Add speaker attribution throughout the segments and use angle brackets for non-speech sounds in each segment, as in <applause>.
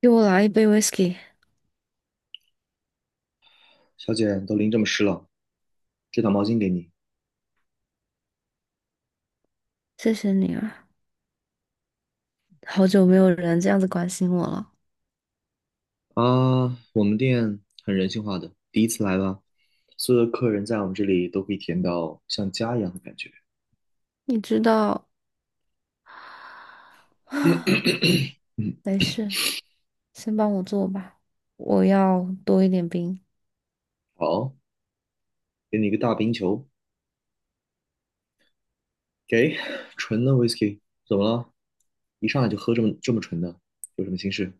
Speaker 1: 给我来一杯 whisky，
Speaker 2: 小姐，都淋这么湿了，这条毛巾给你
Speaker 1: 谢谢你啊！好久没有人这样子关心我了。
Speaker 2: 啊。我们店很人性化的，第一次来吧，所有的客人在我们这里都可以体验到像家一样的感觉。
Speaker 1: 你知道，<sighs> 没事，先帮我做吧。我要多一点冰。
Speaker 2: 好，给你一个大冰球，给纯的 whisky，怎么了？一上来就喝这么纯的，有什么心事？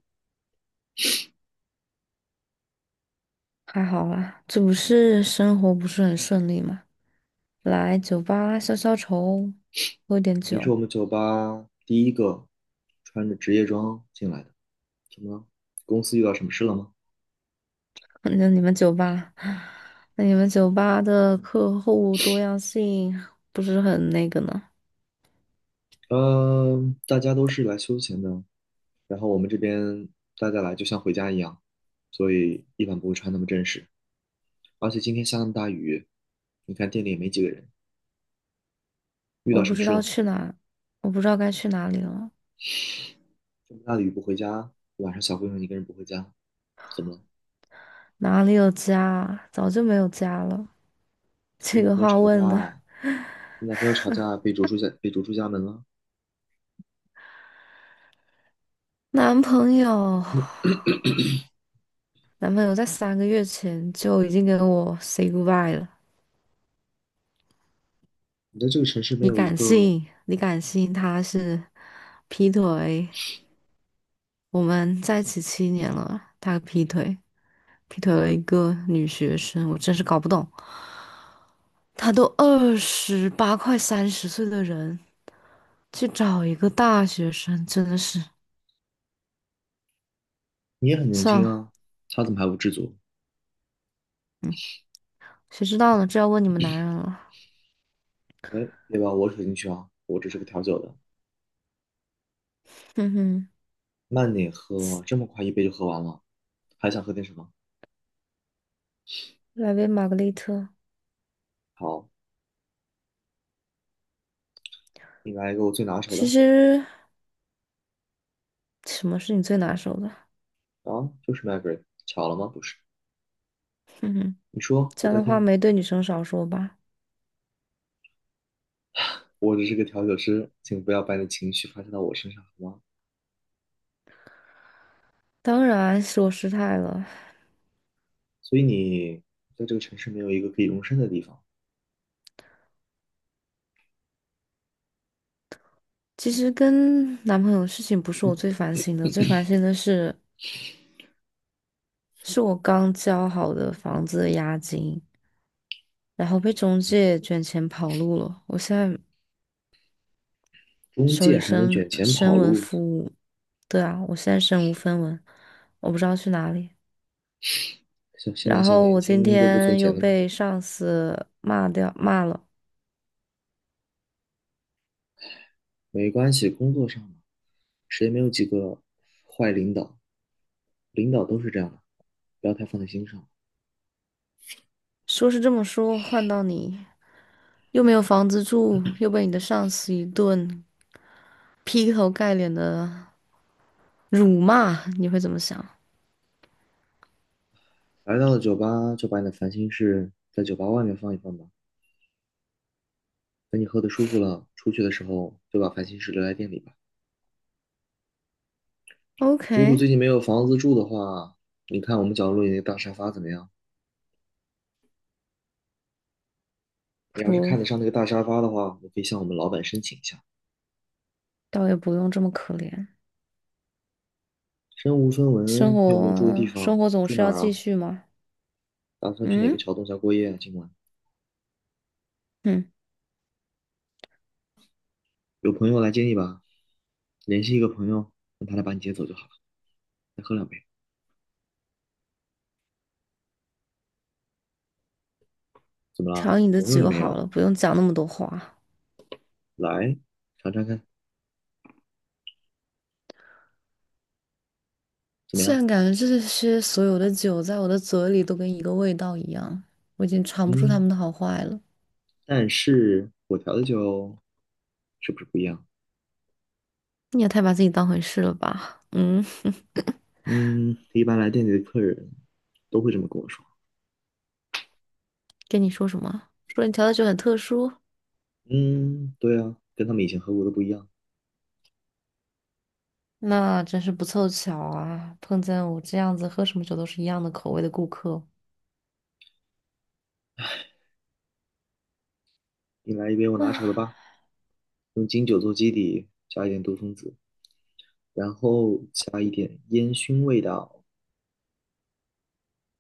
Speaker 1: 还好啦，这不是生活不是很顺利吗？来酒吧消消愁，喝点
Speaker 2: 你是
Speaker 1: 酒。
Speaker 2: 我们酒吧第一个穿着职业装进来的，怎么了？公司遇到什么事了吗？
Speaker 1: <laughs> 那你们酒吧，<laughs> 那你们酒吧的客户多样性不是很那个呢？
Speaker 2: 嗯，大家都是来休闲的，然后我们这边大家来就像回家一样，所以一般不会穿那么正式。而且今天下那么大雨，你看店里也没几个人，遇
Speaker 1: 我
Speaker 2: 到什
Speaker 1: 不
Speaker 2: 么
Speaker 1: 知
Speaker 2: 事
Speaker 1: 道
Speaker 2: 了？
Speaker 1: 去哪，我不知道该去哪里了。
Speaker 2: 这么大的雨不回家，晚上小姑娘一个人不回家，怎么了？
Speaker 1: 哪里有家啊？早就没有家了。
Speaker 2: 跟
Speaker 1: 这
Speaker 2: 男
Speaker 1: 个
Speaker 2: 朋友
Speaker 1: 话
Speaker 2: 吵架，
Speaker 1: 问的，
Speaker 2: 跟男朋友吵架被逐出家门了。
Speaker 1: 男朋友，男朋友在3个月前就已经跟我 say goodbye 了。
Speaker 2: 你在这个城市没
Speaker 1: 你
Speaker 2: 有一
Speaker 1: 敢
Speaker 2: 个，
Speaker 1: 信？你敢信他是劈腿？我们在一起7年了，他劈腿，劈腿了一个女学生，我真是搞不懂。他都28快30岁的人，去找一个大学生，真的是
Speaker 2: 你也很年
Speaker 1: 算
Speaker 2: 轻
Speaker 1: 了。
Speaker 2: 啊，他怎么还不知足？
Speaker 1: 谁知道呢？这要问你们男人了。
Speaker 2: 哎，别把我扯进去啊，我只是个调酒的，
Speaker 1: 哼哼。
Speaker 2: 慢点喝，这么快一杯就喝完了，还想喝点什么？
Speaker 1: 来杯玛格丽特。
Speaker 2: 好，你来一个我最拿手
Speaker 1: 其
Speaker 2: 的。
Speaker 1: 实什么是你最拿手的？
Speaker 2: 啊，就是 Margaret，巧了吗？不是，
Speaker 1: 哼哼，
Speaker 2: 你说，
Speaker 1: 这
Speaker 2: 我
Speaker 1: 样
Speaker 2: 在
Speaker 1: 的
Speaker 2: 听
Speaker 1: 话
Speaker 2: 呢。
Speaker 1: 没对女生少说吧。
Speaker 2: 我只是个调酒师，请不要把你的情绪发泄到我身上，好吗？
Speaker 1: 当然是我失态了。
Speaker 2: 所以你在这个城市没有一个可以容身的地方，
Speaker 1: 其实跟男朋友的事情不是我最烦心的，最烦心的是我刚交好的房子的押金，然后被中介卷钱跑路了。我现在
Speaker 2: 中
Speaker 1: 手
Speaker 2: 介
Speaker 1: 里
Speaker 2: 还能
Speaker 1: 身
Speaker 2: 卷钱跑
Speaker 1: 身无
Speaker 2: 路，
Speaker 1: 分文。对啊，我现在身无分文，我不知道去哪里。
Speaker 2: 像现在
Speaker 1: 然
Speaker 2: 小
Speaker 1: 后
Speaker 2: 年
Speaker 1: 我今
Speaker 2: 轻都不存
Speaker 1: 天又
Speaker 2: 钱了吗？
Speaker 1: 被上司骂了。
Speaker 2: 没关系，工作上嘛，谁没有几个坏领导？领导都是这样的，不要太放在心上。
Speaker 1: 说是这么说，换到你又没有房子住，又被你的上司一顿劈头盖脸的辱骂，你会怎么想
Speaker 2: 来到了酒吧，就把你的烦心事在酒吧外面放一放吧。等你喝得舒服了，出去的时候就把烦心事留在店里吧。如果
Speaker 1: ？OK，
Speaker 2: 最近没有房子住的话，你看我们角落里那个大沙发怎么样？你要是
Speaker 1: 不，
Speaker 2: 看得上那个大沙发的话，你可以向我们老板申请一下。
Speaker 1: 倒也不用这么可怜。
Speaker 2: 身无分
Speaker 1: 生
Speaker 2: 文，又没有住的地
Speaker 1: 活生
Speaker 2: 方，
Speaker 1: 活总
Speaker 2: 住
Speaker 1: 是
Speaker 2: 哪
Speaker 1: 要
Speaker 2: 儿
Speaker 1: 继
Speaker 2: 啊？
Speaker 1: 续嘛。
Speaker 2: 打算去哪个
Speaker 1: 嗯
Speaker 2: 桥洞下过夜啊？今晚
Speaker 1: 嗯，
Speaker 2: 有朋友来接你吧，联系一个朋友，让他来把你接走就好了。再喝两杯，怎么了？
Speaker 1: 调你的
Speaker 2: 朋友也
Speaker 1: 酒
Speaker 2: 没
Speaker 1: 好
Speaker 2: 有，
Speaker 1: 了，不用讲那么多话。
Speaker 2: 来尝尝看，怎么样？
Speaker 1: 现在感觉这些所有的酒在我的嘴里都跟一个味道一样，我已经尝不出它
Speaker 2: 嗯，
Speaker 1: 们的好坏了。
Speaker 2: 但是我调的酒是不是不一样？
Speaker 1: 你也太把自己当回事了吧？嗯。
Speaker 2: 嗯，一般来店里的客人都会这么跟我说。
Speaker 1: 跟你说什么？说你调的酒很特殊。
Speaker 2: 嗯，对啊，跟他们以前喝过的不一样。
Speaker 1: 那真是不凑巧啊，碰见我这样子喝什么酒都是一样的口味的顾客
Speaker 2: 你来一杯我拿手的
Speaker 1: 啊。
Speaker 2: 吧，用金酒做基底，加一点杜松子，然后加一点烟熏味道，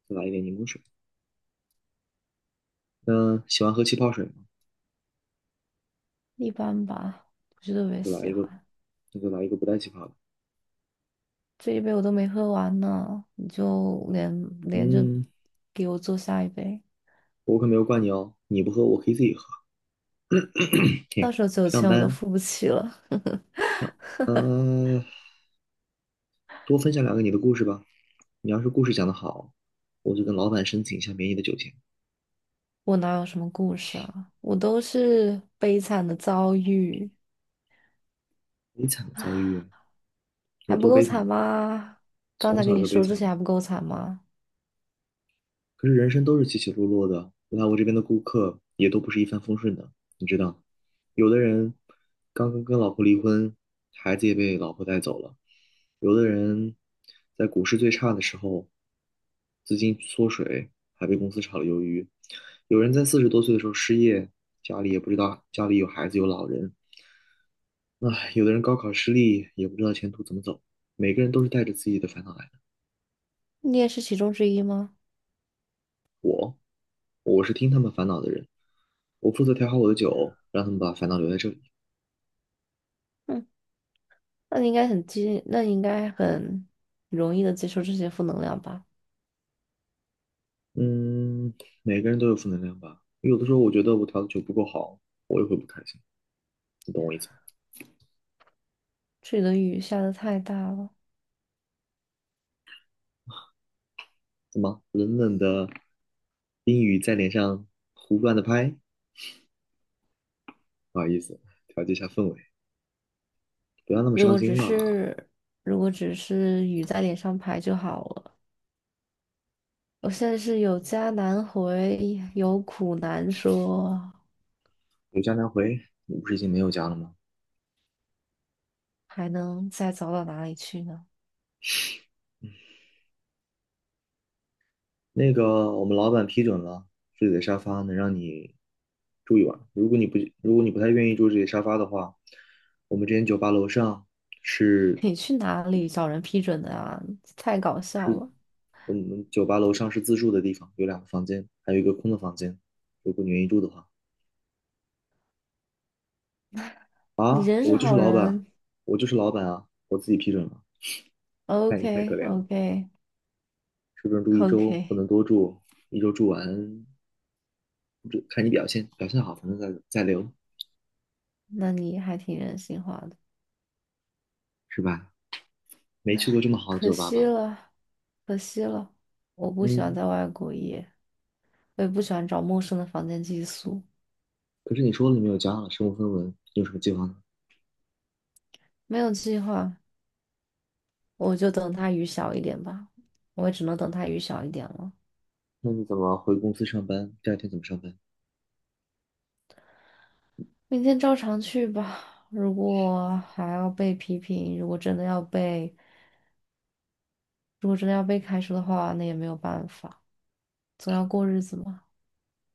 Speaker 2: 再来一点柠檬水。那喜欢喝气泡水吗？
Speaker 1: 一般吧，不是特别
Speaker 2: 那就来
Speaker 1: 喜
Speaker 2: 一个，
Speaker 1: 欢。
Speaker 2: 那就来一个不带气泡的。
Speaker 1: 这一杯我都没喝完呢，你就连着
Speaker 2: 嗯，
Speaker 1: 给我做下一杯，
Speaker 2: 我可没有怪你哦，你不喝我可以自己喝。
Speaker 1: 到
Speaker 2: 嘿，
Speaker 1: 时候酒
Speaker 2: 上
Speaker 1: 钱我都
Speaker 2: 班
Speaker 1: 付不起了。
Speaker 2: 上，呃，多分享两个你的故事吧。你要是故事讲得好，我就跟老板申请一下免你的酒钱。
Speaker 1: 我哪有什么故事啊？我都是悲惨的遭遇，
Speaker 2: 悲惨的遭遇啊，有
Speaker 1: 还不
Speaker 2: 多
Speaker 1: 够
Speaker 2: 悲
Speaker 1: 惨
Speaker 2: 惨？
Speaker 1: 吗？刚
Speaker 2: 从
Speaker 1: 才跟
Speaker 2: 小
Speaker 1: 你
Speaker 2: 就悲
Speaker 1: 说这
Speaker 2: 惨
Speaker 1: 些还不够惨吗？
Speaker 2: 可是人生都是起起落落的，来我这边的顾客也都不是一帆风顺的，你知道，有的人刚刚跟老婆离婚，孩子也被老婆带走了；有的人在股市最差的时候，资金缩水，还被公司炒了鱿鱼；有人在40多岁的时候失业，家里也不知道家里有孩子有老人；唉，有的人高考失利，也不知道前途怎么走。每个人都是带着自己的烦恼来。
Speaker 1: 你也是其中之一吗？
Speaker 2: 我是听他们烦恼的人，我负责调好我的酒，让他们把烦恼留在这里。
Speaker 1: 嗯，那你应该那你应该很容易的接受这些负能量吧？
Speaker 2: 嗯，每个人都有负能量吧。有的时候我觉得我调的酒不够好，我也会不开心，你懂我意思吧？
Speaker 1: 这里的雨下的太大了。
Speaker 2: 怎么冷冷的冰雨在脸上胡乱的拍？不好意思，调节一下氛围，不要那么
Speaker 1: 如
Speaker 2: 伤
Speaker 1: 果
Speaker 2: 心
Speaker 1: 只
Speaker 2: 啦。
Speaker 1: 是如果只是雨在脸上拍就好了。我现在是有家难回，有苦难说，
Speaker 2: 有家难回，你不是已经没有家了吗？
Speaker 1: 还能再走到哪里去呢？
Speaker 2: 那个我们老板批准了，这里的沙发能让你住一晚。如果你不太愿意住这里的沙发的话，我们这间酒吧楼上
Speaker 1: <laughs>
Speaker 2: 是
Speaker 1: 你去哪里找人批准的啊？太搞笑
Speaker 2: 是
Speaker 1: 了！
Speaker 2: 是自助的地方，有两个房间，还有一个空的房间。如果你愿意住的话，
Speaker 1: 你
Speaker 2: 啊，
Speaker 1: 人是
Speaker 2: 我就是
Speaker 1: 好
Speaker 2: 老板，
Speaker 1: 人
Speaker 2: 我就是老板啊，我自己批准了。看你太可
Speaker 1: ，OK
Speaker 2: 怜了，
Speaker 1: OK
Speaker 2: 是不是住一周不
Speaker 1: OK，
Speaker 2: 能
Speaker 1: <laughs>
Speaker 2: 多住？一周住完，这看你表现，表现好，反正再留，
Speaker 1: 那你还挺人性化的。
Speaker 2: 是吧？没去过这么好的
Speaker 1: 可
Speaker 2: 酒吧
Speaker 1: 惜
Speaker 2: 吧？
Speaker 1: 了，可惜了，我不喜欢
Speaker 2: 嗯。
Speaker 1: 在外过夜，我也不喜欢找陌生的房间寄宿。
Speaker 2: 可是你说了你没有家了，身无分文，你有什么计划呢？
Speaker 1: 没有计划，我就等它雨小一点吧，我也只能等它雨小一点了。
Speaker 2: 那你怎么回公司上班？第二天怎么上班？
Speaker 1: 明天照常去吧。如果还要被批评，如果真的要被开除的话，那也没有办法，总要过日子嘛。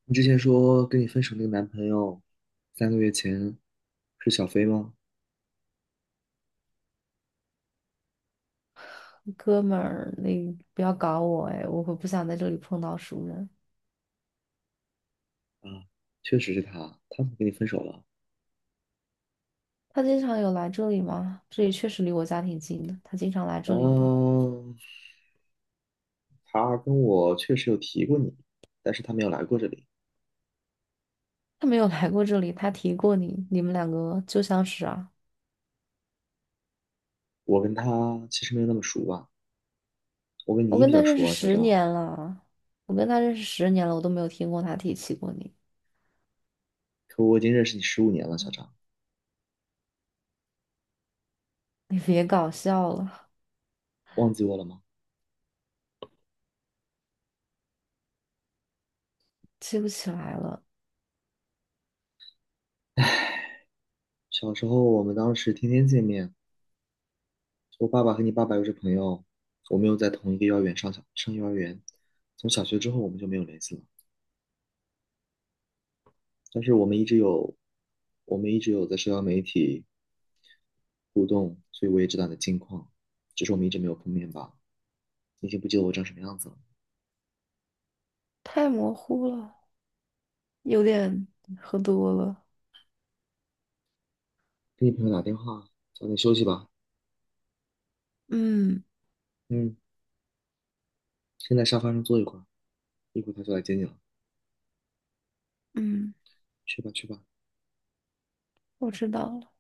Speaker 2: 你之前说跟你分手那个男朋友，3个月前是小飞吗？
Speaker 1: 哥们儿，你不要搞我哎，我会不想在这里碰到熟人。
Speaker 2: 啊，确实是他，他怎么跟你分手了？
Speaker 1: 他经常有来这里吗？这里确实离我家挺近的。他经常来这里吗？
Speaker 2: 嗯，他跟我确实有提过你，但是他没有来过这里。
Speaker 1: 他没有来过这里，他提过你，你们两个旧相识啊。
Speaker 2: 我跟他其实没有那么熟吧，我跟
Speaker 1: 我
Speaker 2: 你比
Speaker 1: 跟
Speaker 2: 较
Speaker 1: 他认
Speaker 2: 熟
Speaker 1: 识
Speaker 2: 啊，小
Speaker 1: 十
Speaker 2: 张。
Speaker 1: 年了，我跟他认识十年了，我都没有听过他提起过你。
Speaker 2: 可我已经认识你15年了，小张，
Speaker 1: <laughs> 你别搞笑了，
Speaker 2: 忘记我了吗？
Speaker 1: 记不起来了，
Speaker 2: 小时候我们当时天天见面，我爸爸和你爸爸又是朋友，我们又在同一个幼儿园上幼儿园。从小学之后我们就没有联系了，但是我们一直有在社交媒体互动，所以我也知道你的近况，只是我们一直没有碰面罢了。你已经不记得我长什么样子了。
Speaker 1: 太模糊了，有点喝多了。
Speaker 2: 给你朋友打电话，早点休息吧。
Speaker 1: 嗯
Speaker 2: 嗯，先在沙发上坐一会儿，一会儿他就来接你了。
Speaker 1: 嗯，
Speaker 2: 去吧，去吧。
Speaker 1: 我知道了。